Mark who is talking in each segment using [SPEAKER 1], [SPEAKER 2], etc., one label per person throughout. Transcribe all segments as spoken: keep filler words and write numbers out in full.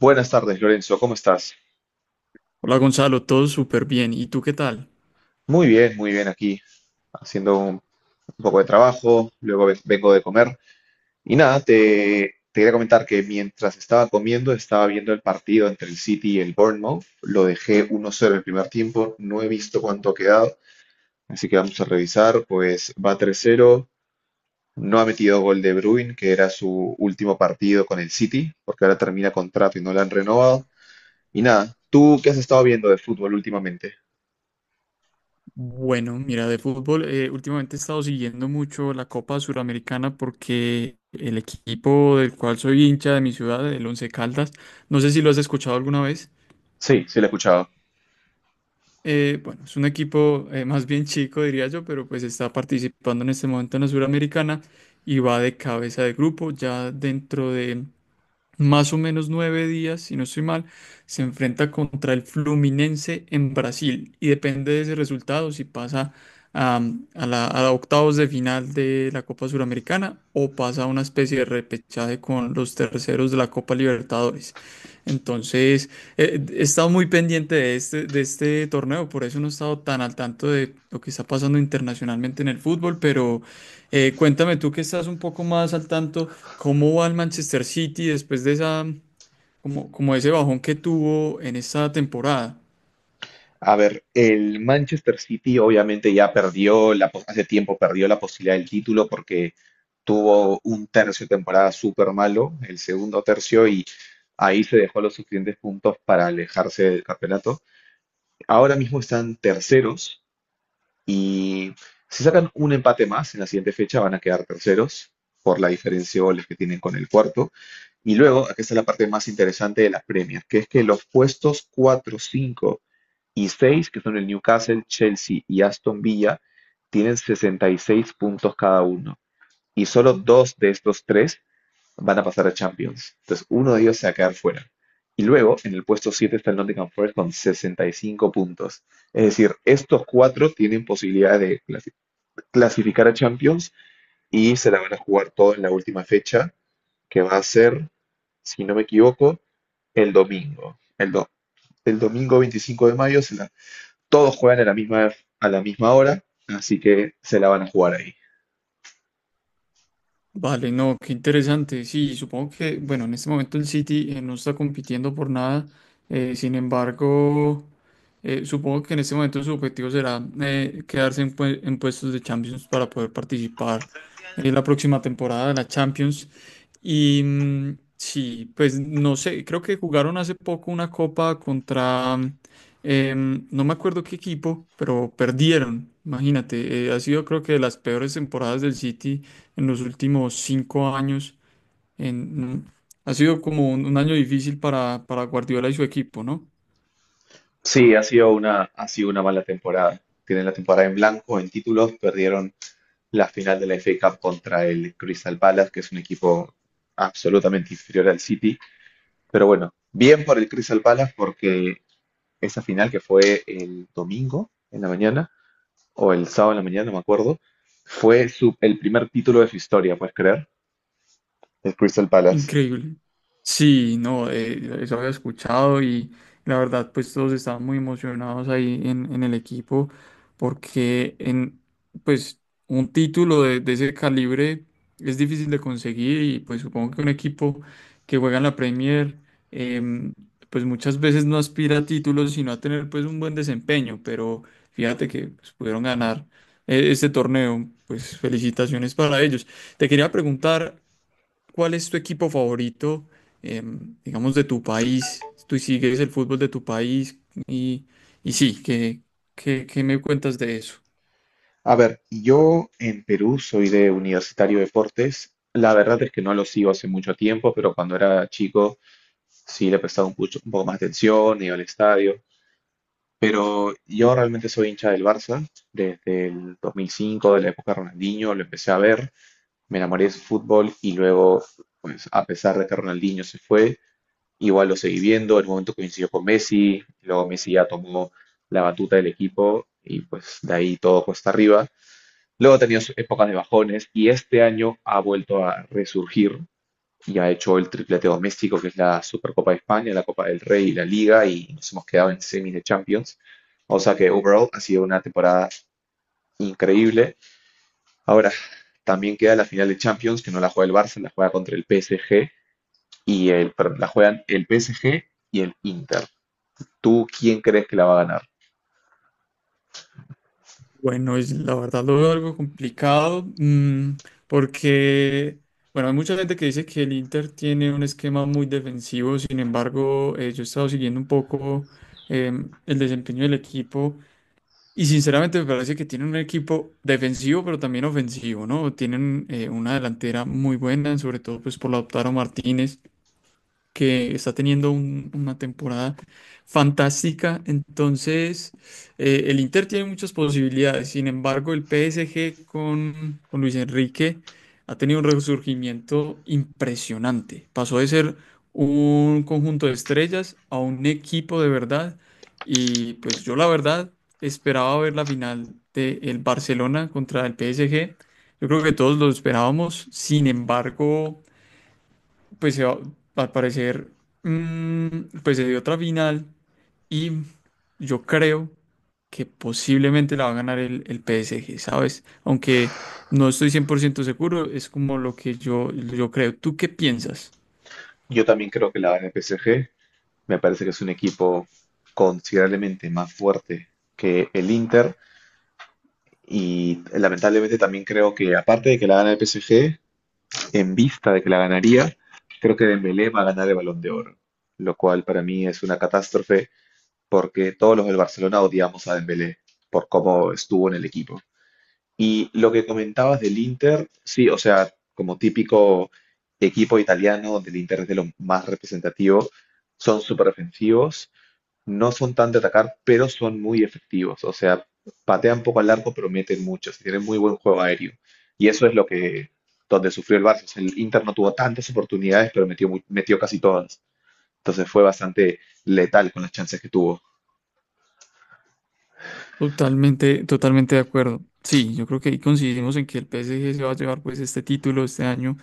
[SPEAKER 1] Buenas tardes, Lorenzo, ¿cómo estás?
[SPEAKER 2] Hola Gonzalo, todo súper bien. ¿Y tú qué tal?
[SPEAKER 1] Muy bien, muy bien aquí, haciendo un, un poco de trabajo, luego ve- vengo de comer. Y nada, te, te quería comentar que mientras estaba comiendo, estaba viendo el partido entre el City y el Bournemouth. Lo dejé uno cero el primer tiempo, no he visto cuánto ha quedado, así que vamos a revisar. Pues va tres cero, no ha metido gol de Bruin, que era su último partido con el City, porque ahora termina contrato y no lo han renovado. Y nada, ¿tú qué has estado viendo de fútbol últimamente?
[SPEAKER 2] Bueno, mira, de fútbol, eh, últimamente he estado siguiendo mucho la Copa Suramericana porque el equipo del cual soy hincha de mi ciudad, el Once Caldas, no sé si lo has escuchado alguna vez.
[SPEAKER 1] Sí, sí lo he escuchado.
[SPEAKER 2] Eh, bueno, es un equipo eh, más bien chico, diría yo, pero pues está participando en este momento en la Suramericana y va de cabeza de grupo. Ya dentro de más o menos nueve días, si no estoy mal, se enfrenta contra el Fluminense en Brasil y depende de ese resultado si pasa am, a, la, a octavos de final de la Copa Suramericana o pasa a una especie de repechaje con los terceros de la Copa Libertadores. Entonces, eh, he estado muy pendiente de este, de este torneo, por eso no he estado tan al tanto de lo que está pasando internacionalmente en el fútbol, pero eh, cuéntame tú que estás un poco más al tanto. ¿Cómo va el Manchester City después de esa, como, como ese bajón que tuvo en esta temporada?
[SPEAKER 1] A ver, el Manchester City obviamente ya perdió, la, pos- hace tiempo perdió la posibilidad del título porque tuvo un tercio de temporada súper malo, el segundo tercio, y ahí se dejó los suficientes puntos para alejarse del campeonato. Ahora mismo están terceros y si sacan un empate más en la siguiente fecha van a quedar terceros por la diferencia de goles que tienen con el cuarto. Y luego, aquí está la parte más interesante de las premias, que es que los puestos cuatro cinco y seis, que son el Newcastle, Chelsea y Aston Villa, tienen sesenta y seis puntos cada uno. Y solo dos de estos tres van a pasar a Champions. Entonces, uno de ellos se va a quedar fuera. Y luego, en el puesto siete está el Nottingham Forest con sesenta y cinco puntos. Es decir, estos cuatro tienen posibilidad de clasi- clasificar a Champions y se la van a jugar todo en la última fecha, que va a ser, si no me equivoco, el domingo. El, do- el domingo veinticinco de mayo se la todos juegan a la misma, a la misma hora, así que se la van a jugar ahí.
[SPEAKER 2] Vale, no, qué interesante. Sí, supongo que, bueno, en este momento el City eh, no está compitiendo por nada. Eh, sin embargo, eh, supongo que en este momento su objetivo será eh, quedarse en, pue- en puestos de Champions para poder participar en la próxima temporada de la Champions. Y mm, sí, pues no sé, creo que jugaron hace poco una copa contra, em, no me acuerdo qué equipo, pero perdieron. Imagínate, eh, ha sido creo que de las peores temporadas del City en los últimos cinco años. En, Ha sido como un, un año difícil para, para Guardiola y su equipo, ¿no?
[SPEAKER 1] Sí, ha sido una, ha sido una mala temporada. Tienen la temporada en blanco, en títulos, perdieron la final de la F A Cup contra el Crystal Palace, que es un equipo absolutamente inferior al City. Pero bueno, bien por el Crystal Palace porque esa final que fue el domingo en la mañana, o el sábado en la mañana, no me acuerdo, fue su- el primer título de su historia, ¿puedes creer? El Crystal Palace.
[SPEAKER 2] Increíble. Sí, no, eh, eso había escuchado y la verdad, pues todos estaban muy emocionados ahí en, en el equipo porque en, pues, un título de, de ese calibre es difícil de conseguir y pues supongo que un equipo que juega en la Premier, em, pues muchas veces no aspira a títulos sino a tener pues un buen desempeño, pero fíjate que pues, pudieron ganar eh, este torneo, pues felicitaciones para ellos. Te quería preguntar, ¿cuál es tu equipo favorito, em, digamos, de tu país? ¿Tú sigues el fútbol de tu país? Y, y sí, ¿qué, qué, qué me cuentas de eso?
[SPEAKER 1] A ver, yo en Perú soy de Universitario de Deportes. La verdad es que no lo sigo hace mucho tiempo, pero cuando era chico sí le prestaba un, pucho- un poco más de atención, iba al estadio. Pero yo realmente soy hincha del Barça. Desde el dos mil cinco, de la época de Ronaldinho, lo empecé a ver. Me enamoré de su fútbol y luego, pues a pesar de que Ronaldinho se fue, igual lo seguí viendo. En un momento coincidió con Messi, luego Messi ya tomó la batuta del equipo y pues de ahí todo cuesta arriba. Luego ha tenido sus épocas de bajones y este año ha vuelto a resurgir y ha hecho el triplete doméstico, que es la Supercopa de España, la Copa del Rey y la Liga, y nos hemos quedado en semis de Champions. O sea que overall ha sido una temporada increíble. Ahora, también queda la final de Champions, que no la juega el Barça, la juega contra el P S G y el, perdón, la juegan el P S G y el Inter. ¿Tú quién crees que la va a ganar?
[SPEAKER 2] Bueno, es, la verdad lo veo algo complicado, mm, porque, bueno, hay mucha gente que dice que el Inter tiene un esquema muy defensivo, sin embargo, eh, yo he estado siguiendo un poco em, el desempeño del equipo. Y sinceramente me parece que tienen un equipo defensivo, pero también ofensivo, ¿no? Tienen eh, una delantera muy buena, sobre todo pues por la Lautaro Martínez que está teniendo un- una temporada fantástica. Entonces, eh, el Inter tiene muchas posibilidades. Sin embargo, el P S G con, con Luis Enrique ha tenido un resurgimiento impresionante. Pasó de ser un conjunto de estrellas a un equipo de verdad. Y pues yo la verdad esperaba ver la final del Barcelona contra el P S G. Yo creo que todos lo esperábamos. Sin embargo pues se va, al parecer, mm, pues se dio otra final y yo creo que posiblemente la va a ganar el, el P S G, ¿sabes? Aunque no estoy cien por ciento seguro, es como lo que yo, yo creo. ¿Tú qué piensas?
[SPEAKER 1] Yo también creo que la gana el P S G. Me parece que es un equipo considerablemente más fuerte que el Inter y lamentablemente también creo que aparte de que la gana el P S G, en vista de que la ganaría, creo que Dembélé va a ganar el Balón de Oro, lo cual para mí es una catástrofe porque todos los del Barcelona odiamos a Dembélé por cómo estuvo en el equipo. Y lo que comentabas del Inter, sí, o sea, como típico equipo italiano donde el Inter es de lo más representativo, son súper ofensivos, no son tan de atacar, pero son muy efectivos. O sea, patean poco al arco, pero meten muchos. Tienen muy buen juego aéreo. Y eso es lo que, donde sufrió el Barça. O sea, el Inter no tuvo tantas oportunidades, pero metió, mu- metió casi todas. Entonces fue bastante letal con las chances que tuvo.
[SPEAKER 2] Totalmente, totalmente de acuerdo. Sí, yo creo que ahí coincidimos en que el P S G se va a llevar pues este título este año.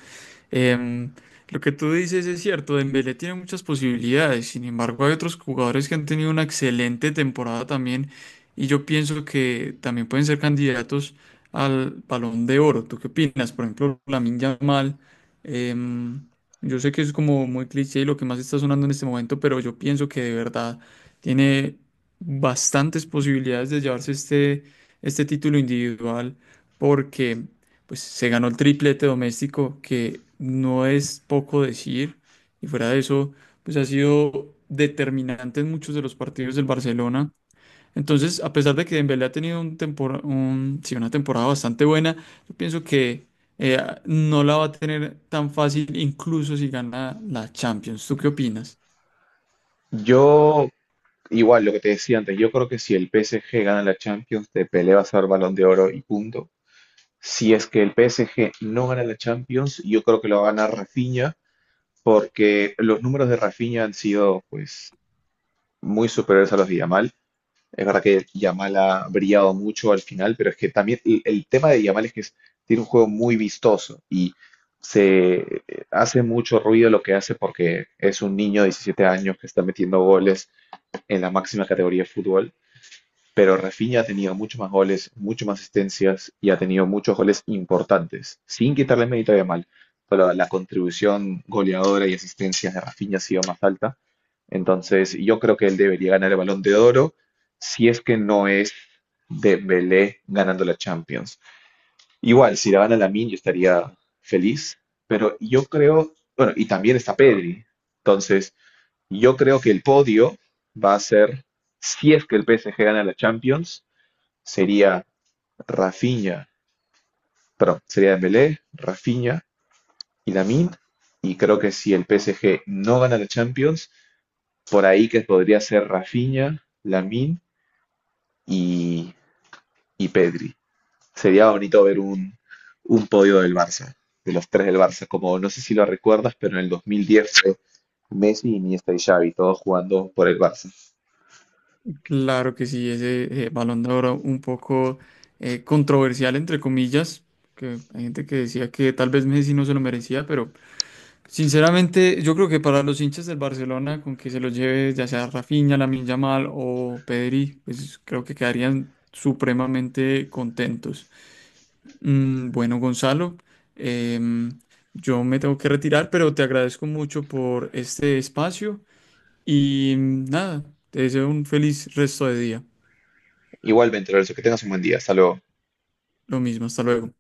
[SPEAKER 2] Em, lo que tú dices es cierto, Dembélé tiene muchas posibilidades, sin embargo hay otros jugadores que han tenido una excelente temporada también y yo pienso que también pueden ser candidatos al Balón de Oro. ¿Tú qué opinas? Por ejemplo, Lamine Yamal, em, yo sé que es como muy cliché y lo que más está sonando en este momento, pero yo pienso que de verdad tiene bastantes posibilidades de llevarse este, este título individual porque pues se ganó el triplete doméstico, que no es poco decir, y fuera de eso, pues ha sido determinante en muchos de los partidos del Barcelona. Entonces, a pesar de que Dembélé ha tenido un tempora- un- sí, una temporada bastante buena, yo pienso que eh, no la va a tener tan fácil, incluso si gana la Champions. ¿Tú qué opinas?
[SPEAKER 1] Yo, igual, lo que te decía antes, yo creo que si el P S G gana la Champions, te peleas a ser Balón de Oro y punto. Si es que el P S G no gana la Champions, yo creo que lo va a ganar Rafinha, porque los números de Rafinha han sido, pues, muy superiores a los de Yamal. Es verdad que Yamal ha brillado mucho al final, pero es que también el, el tema de Yamal es que es- tiene un juego muy vistoso y se eh, hace mucho ruido lo que hace porque es un niño de diecisiete años que está metiendo goles en la máxima categoría de fútbol. Pero Rafinha ha tenido muchos más goles, mucho más asistencias y ha tenido muchos goles importantes, sin quitarle mérito a Yamal. Pero la contribución goleadora y asistencias de Rafinha ha sido más alta. Entonces, yo creo que él debería ganar el Balón de Oro si es que no es Dembélé ganando la Champions. Igual, si la gana Lamine, yo estaría feliz, pero yo creo, bueno, y también está Pedri. Entonces, yo creo que el podio va a ser, si es que el P S G gana la Champions, sería Rafinha, perdón, sería Dembélé, Rafinha y Lamine. Y creo que si el P S G no gana la Champions, por ahí que podría ser Rafinha, Lamine y, y Pedri. Sería bonito ver un, un podio del Barça, de los tres del Barça, como no sé si lo recuerdas, pero en el dos mil diez fue Messi, Iniesta y Xavi, todos jugando por el Barça.
[SPEAKER 2] Claro que sí, ese eh, Balón de Oro un poco eh, controversial, entre comillas, que hay gente que decía que tal vez Messi no se lo merecía, pero sinceramente, yo creo que para los hinchas del Barcelona, con que se los lleve ya sea Rafinha, Lamine Yamal o Pedri, pues creo que quedarían supremamente contentos. Mm, bueno, Gonzalo, em, yo me tengo que retirar, pero te agradezco mucho por este espacio y mm, nada, te deseo un feliz resto de día.
[SPEAKER 1] Igualmente, Lorenzo, que tengas un buen día. Hasta luego.
[SPEAKER 2] Lo mismo, hasta luego.